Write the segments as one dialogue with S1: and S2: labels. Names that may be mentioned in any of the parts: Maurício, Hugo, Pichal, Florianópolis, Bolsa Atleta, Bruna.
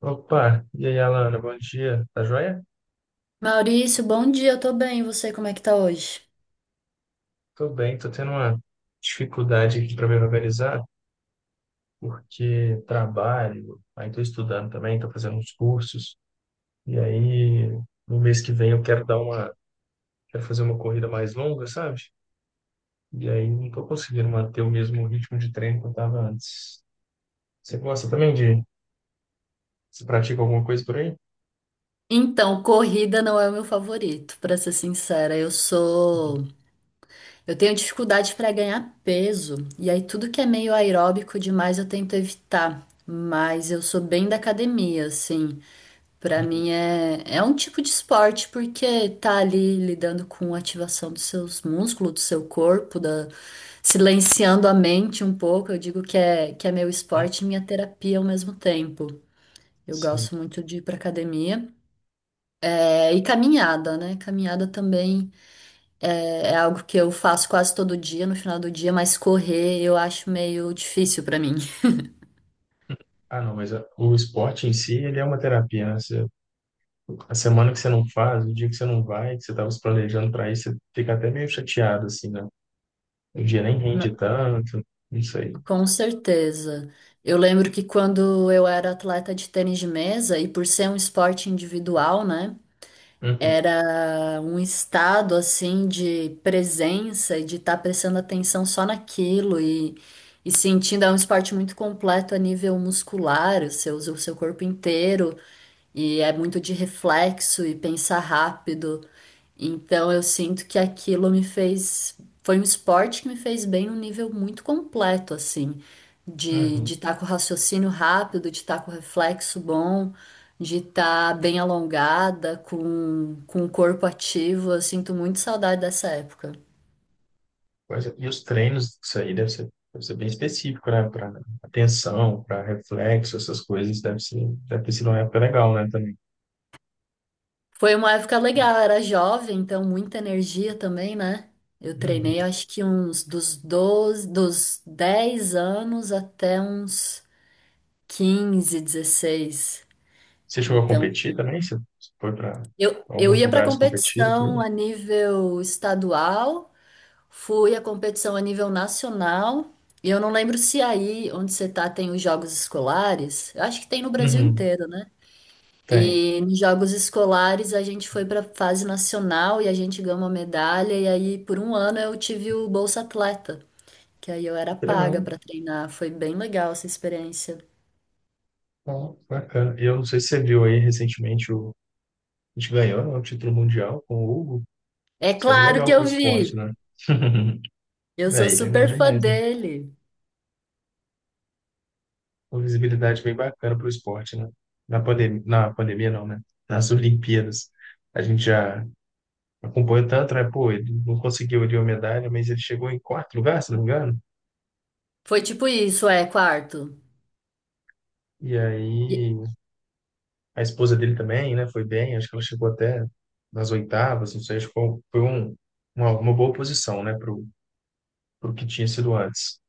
S1: Opa, e aí, Alana, bom dia. Tá joia?
S2: Maurício, bom dia, eu tô bem, e você, como é que tá hoje?
S1: Tô bem, tô tendo uma dificuldade aqui para me organizar, porque trabalho, aí tô estudando também, tô fazendo uns cursos, e aí no mês que vem eu quero fazer uma corrida mais longa, sabe? E aí não tô conseguindo manter o mesmo ritmo de treino que eu tava antes. Você gosta também de, Você pratica alguma coisa por aí?
S2: Então, corrida não é o meu favorito, pra ser sincera. Eu tenho dificuldade pra ganhar peso, e aí tudo que é meio aeróbico demais eu tento evitar, mas eu sou bem da academia, assim. Pra
S1: Uhum.
S2: mim é um tipo de esporte porque tá ali lidando com a ativação dos seus músculos, do seu corpo, da silenciando a mente um pouco. Eu digo que é meu esporte e minha terapia ao mesmo tempo. Eu
S1: Sim.
S2: gosto muito de ir para academia. É, e caminhada, né? Caminhada também é algo que eu faço quase todo dia, no final do dia, mas correr eu acho meio difícil para mim.
S1: Ah, não, mas o esporte em si, ele é uma terapia, né? A semana que você não faz, o dia que você não vai, que você estava se planejando para ir, você fica até meio chateado, assim, né? O dia nem rende
S2: Na-
S1: tanto, não sei.
S2: Com certeza. Eu lembro que quando eu era atleta de tênis de mesa, e por ser um esporte individual, né?
S1: Uhum,
S2: Era um estado assim de presença e de estar prestando atenção só naquilo e sentindo, é um esporte muito completo a nível muscular, você usa o seu corpo inteiro e é muito de reflexo e pensar rápido. Então eu sinto que aquilo me fez, foi um esporte que me fez bem num nível muito completo, assim, de
S1: uhum.
S2: de estar com raciocínio rápido, de estar com reflexo bom, de estar bem alongada, com o corpo ativo. Eu sinto muito saudade dessa época.
S1: Pois é. E os treinos, isso aí deve ser bem específico, né? Para atenção, para reflexo, essas coisas, deve ter sido uma época legal, né, também.
S2: Foi uma época legal, eu era jovem, então muita energia também, né? Eu
S1: Uhum.
S2: treinei acho que uns dos 10 anos até uns 15, 16.
S1: Você chegou a
S2: Então,
S1: competir também? Você foi para
S2: eu
S1: alguns
S2: ia para
S1: lugares competir, e
S2: competição
S1: tudo?
S2: a nível estadual, fui à competição a nível nacional, e eu não lembro se aí onde você tá tem os jogos escolares. Eu acho que tem no Brasil
S1: Uhum,
S2: inteiro, né?
S1: tem.
S2: E nos jogos escolares a gente foi para fase nacional e a gente ganhou uma medalha. E aí por um ano eu tive o Bolsa Atleta, que aí eu era
S1: Que legal.
S2: paga para treinar. Foi bem legal essa experiência.
S1: Ó, bacana. E eu não sei se você viu aí recentemente, a gente ganhou, né, o título mundial com o Hugo.
S2: É
S1: Isso é
S2: claro que
S1: legal para
S2: eu
S1: o esporte,
S2: vi.
S1: né?
S2: Eu sou
S1: Aí, legal
S2: super fã
S1: demais, né?
S2: dele.
S1: Uma visibilidade bem bacana para o esporte, né? Na pandemia não, né? Nas Olimpíadas, a gente já acompanhou tanto, né? Pô, ele não conseguiu ali uma medalha, mas ele chegou em quarto lugar, se não me engano.
S2: Foi tipo isso, é, quarto.
S1: E
S2: E
S1: aí, a esposa dele também, né? Foi bem, acho que ela chegou até nas oitavas, não sei, acho que uma boa posição, né? Pro que tinha sido antes.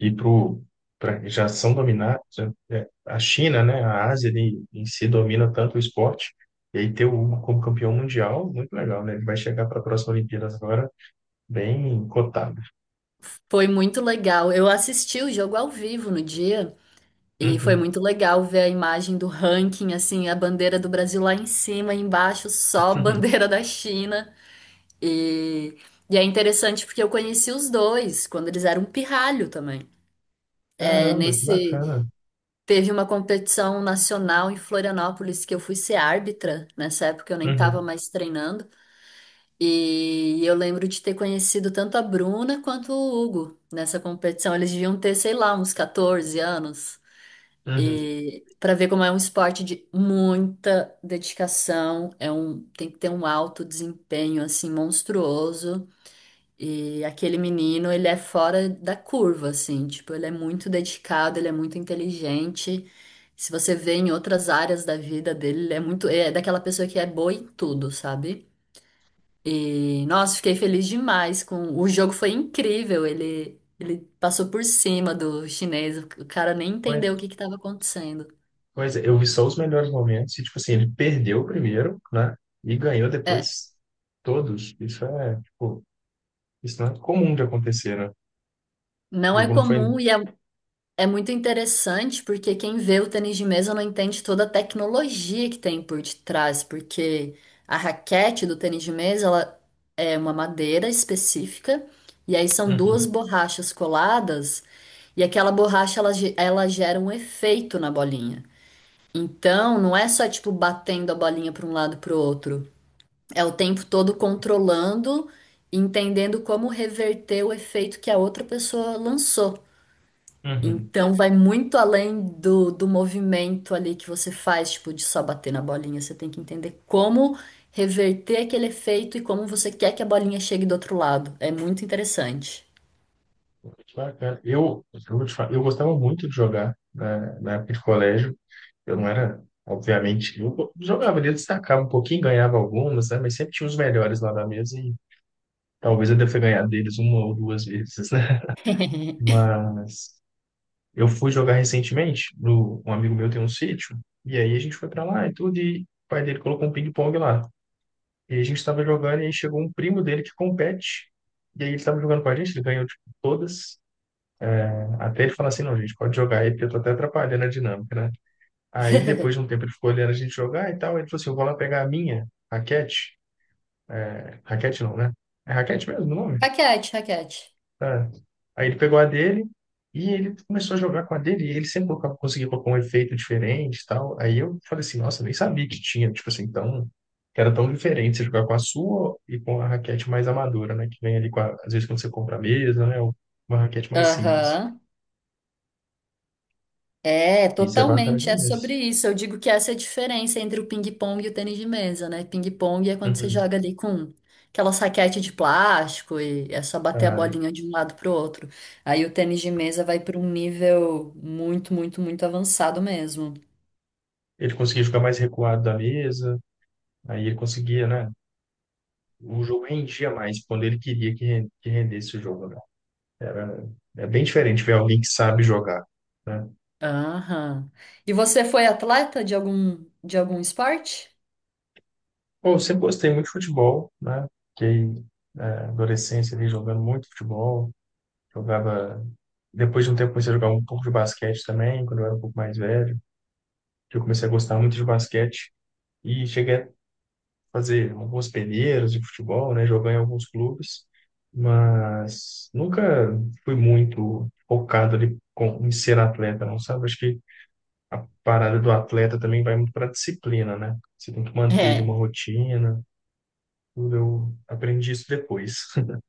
S1: E pra, já são dominados. A China, né, a Ásia ali, em si domina tanto o esporte, e aí ter o Hugo como campeão mundial, muito legal, né? Ele vai chegar para a próxima Olimpíadas agora bem cotado.
S2: foi muito legal. Eu assisti o jogo ao vivo no dia e foi
S1: Uhum.
S2: muito legal ver a imagem do ranking, assim, a bandeira do Brasil lá em cima, e embaixo só a
S1: Uhum.
S2: bandeira da China. E, e é interessante porque eu conheci os dois quando eles eram um pirralho também. É,
S1: Caramba, que
S2: nesse
S1: bacana.
S2: teve uma competição nacional em Florianópolis que eu fui ser árbitra. Nessa época eu nem estava
S1: Uhum.
S2: mais treinando. E eu lembro de ter conhecido tanto a Bruna quanto o Hugo nessa competição. Eles deviam ter, sei lá, uns 14 anos.
S1: Uhum.
S2: E para ver como é um esporte de muita dedicação, é um, tem que ter um alto desempenho assim monstruoso. E aquele menino, ele é fora da curva, assim, tipo, ele é muito dedicado, ele é muito inteligente. Se você vê em outras áreas da vida dele, ele é muito, é daquela pessoa que é boa em tudo, sabe? E, nossa, fiquei feliz demais com, o jogo foi incrível, ele passou por cima do chinês, o cara nem
S1: Pois,
S2: entendeu o que que estava acontecendo.
S1: pois é, eu vi só os melhores momentos, e tipo assim, ele perdeu o primeiro, né, e ganhou
S2: É,
S1: depois todos. Tipo, isso não é comum de acontecer, né? O
S2: não é
S1: jogo não foi.
S2: comum É muito interessante porque quem vê o tênis de mesa não entende toda a tecnologia que tem por detrás, porque a raquete do tênis de mesa, ela é uma madeira específica e aí são duas
S1: Uhum.
S2: borrachas coladas e aquela borracha ela, ela gera um efeito na bolinha. Então, não é só tipo batendo a bolinha para um lado para o outro, é o tempo todo controlando, entendendo como reverter o efeito que a outra pessoa lançou.
S1: Uhum.
S2: Então vai muito além do movimento ali que você faz, tipo, de só bater na bolinha. Você tem que entender como reverter aquele efeito e como você quer que a bolinha chegue do outro lado. É muito interessante.
S1: Bacana. Vou te falar, eu gostava muito de jogar na época de colégio. Eu não era, obviamente, eu jogava ali, eu destacava um pouquinho, ganhava algumas, né? Mas sempre tinha os melhores lá da mesa e talvez eu deva ter ganhado deles uma ou duas vezes, né? Mas eu fui jogar recentemente, no, um amigo meu tem um sítio, e aí a gente foi pra lá e tudo, e o pai dele colocou um ping-pong lá. E a gente tava jogando e aí chegou um primo dele que compete, e aí ele tava jogando com a gente, ele ganhou, tipo, todas. Até ele falar assim, não, gente, pode jogar aí, porque eu tô até atrapalhando a dinâmica, né? Aí depois de um tempo ele ficou olhando a gente jogar e tal, ele falou assim, eu vou lá pegar a minha, raquete. Raquete não, né? É raquete mesmo o nome?
S2: Raquete, raquete.
S1: Tá. Aí ele pegou a dele e ele começou a jogar com a dele, e ele sempre conseguia colocar um efeito diferente e tal. Aí eu falei assim, nossa, nem sabia que tinha, tipo assim, que era tão diferente você jogar com a sua e com a raquete mais amadora, né? Que vem ali, às vezes, quando você compra a mesa, né? Uma raquete mais simples.
S2: Aham. É,
S1: Isso é bacana
S2: totalmente, é
S1: demais.
S2: sobre isso. Eu digo que essa é a diferença entre o ping-pong e o tênis de mesa, né? Ping-pong é quando você
S1: Uhum.
S2: joga ali com aquela raquete de plástico e é só bater a
S1: É.
S2: bolinha de um lado pro outro. Aí o tênis de mesa vai para um nível muito, muito, muito avançado mesmo.
S1: Ele conseguia jogar mais recuado da mesa, aí ele conseguia, né? O jogo rendia mais quando ele queria que rendesse o jogo, né? Era, é bem diferente ver alguém que sabe jogar, né?
S2: Aham. E você foi atleta de algum esporte?
S1: Bom, eu sempre gostei muito de futebol, né? Fiquei, é, adolescência ali jogando muito futebol, jogava. Depois de um tempo comecei a jogar um pouco de basquete também, quando eu era um pouco mais velho, que eu comecei a gostar muito de basquete e cheguei fazer algumas peneiras de futebol, né? Jogar em alguns clubes, mas nunca fui muito focado ali em ser atleta, não sabe? Acho que a parada do atleta também vai muito para a disciplina, né? Você tem que manter ali
S2: É.
S1: uma rotina, tudo. Eu aprendi isso depois.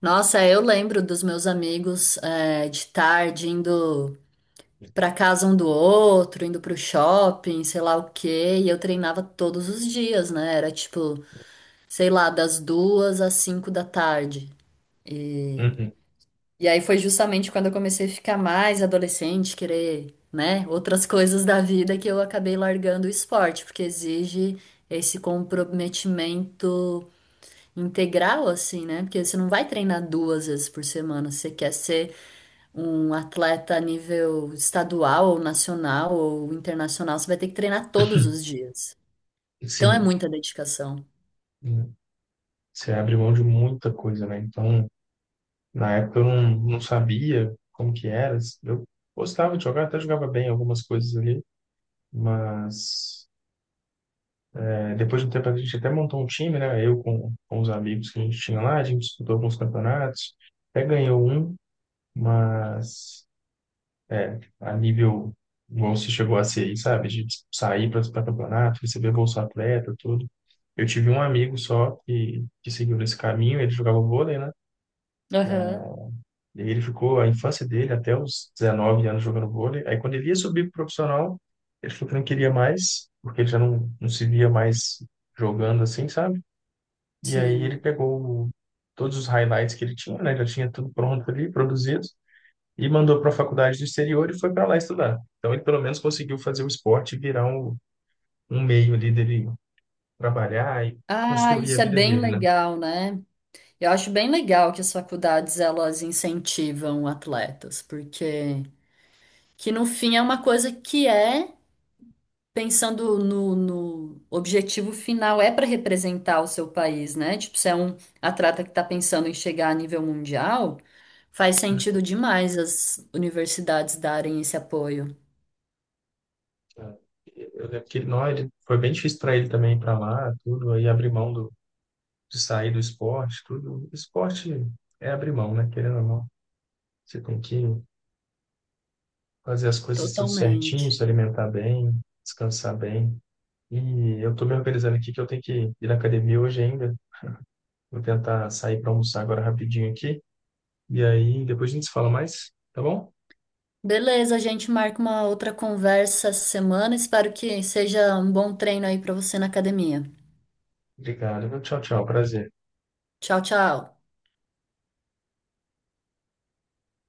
S2: Nossa, eu lembro dos meus amigos, é, de tarde indo pra casa um do outro, indo pro shopping, sei lá o quê, e eu treinava todos os dias, né? Era tipo, sei lá, das 2h às 5h da tarde.
S1: Uhum.
S2: E aí foi justamente quando eu comecei a ficar mais adolescente, querer, né, outras coisas da vida que eu acabei largando o esporte, porque exige esse comprometimento integral, assim, né? Porque você não vai treinar 2 vezes por semana, você quer ser um atleta a nível estadual ou nacional ou internacional, você vai ter que treinar todos os dias. Então é
S1: Sim.
S2: muita dedicação.
S1: Uhum. Você abre mão de muita coisa, né? Então, na época eu não sabia como que era. Eu gostava de jogar, até jogava bem algumas coisas ali, mas depois de um tempo a gente até montou um time, né? Eu com os amigos que a gente tinha lá, a gente disputou alguns campeonatos, até ganhou um, mas é, a nível igual se chegou a ser aí, sabe? De sair para campeonato, receber Bolsa Atleta, tudo. Eu tive um amigo só que seguiu nesse caminho, ele jogava vôlei, né?
S2: Aham,
S1: E ele ficou a infância dele até os 19 anos jogando vôlei. Aí quando ele ia subir pro profissional, ele falou que não queria mais, porque ele já não se via mais jogando assim, sabe? E aí ele
S2: sim.
S1: pegou todos os highlights que ele tinha, né? Já tinha tudo pronto ali, produzido, e mandou para a faculdade do exterior e foi para lá estudar. Então ele pelo menos conseguiu fazer o esporte virar um meio ali dele trabalhar e
S2: Ah,
S1: construir a
S2: isso é
S1: vida
S2: bem
S1: dele, né?
S2: legal, né? Eu acho bem legal que as faculdades elas incentivam atletas, porque que no fim é uma coisa que é pensando no objetivo final, é para representar o seu país, né? Tipo, se é um atleta que está pensando em chegar a nível mundial, faz
S1: Uhum.
S2: sentido demais as universidades darem esse apoio.
S1: É. Eu lembro que ele, não, ele, foi bem difícil para ele também ir para lá, tudo, aí abrir mão de sair do esporte, tudo. Esporte é abrir mão, né? Querendo ou não, você tem que fazer as coisas tudo certinho, se
S2: Totalmente.
S1: alimentar bem, descansar bem. E eu tô me organizando aqui que eu tenho que ir na academia hoje ainda. Vou tentar sair para almoçar agora rapidinho aqui. E aí depois a gente se fala mais, tá bom?
S2: Beleza, a gente marca uma outra conversa essa semana. Espero que seja um bom treino aí para você na academia.
S1: Obrigado, viu? Tchau, tchau. Prazer.
S2: Tchau, tchau.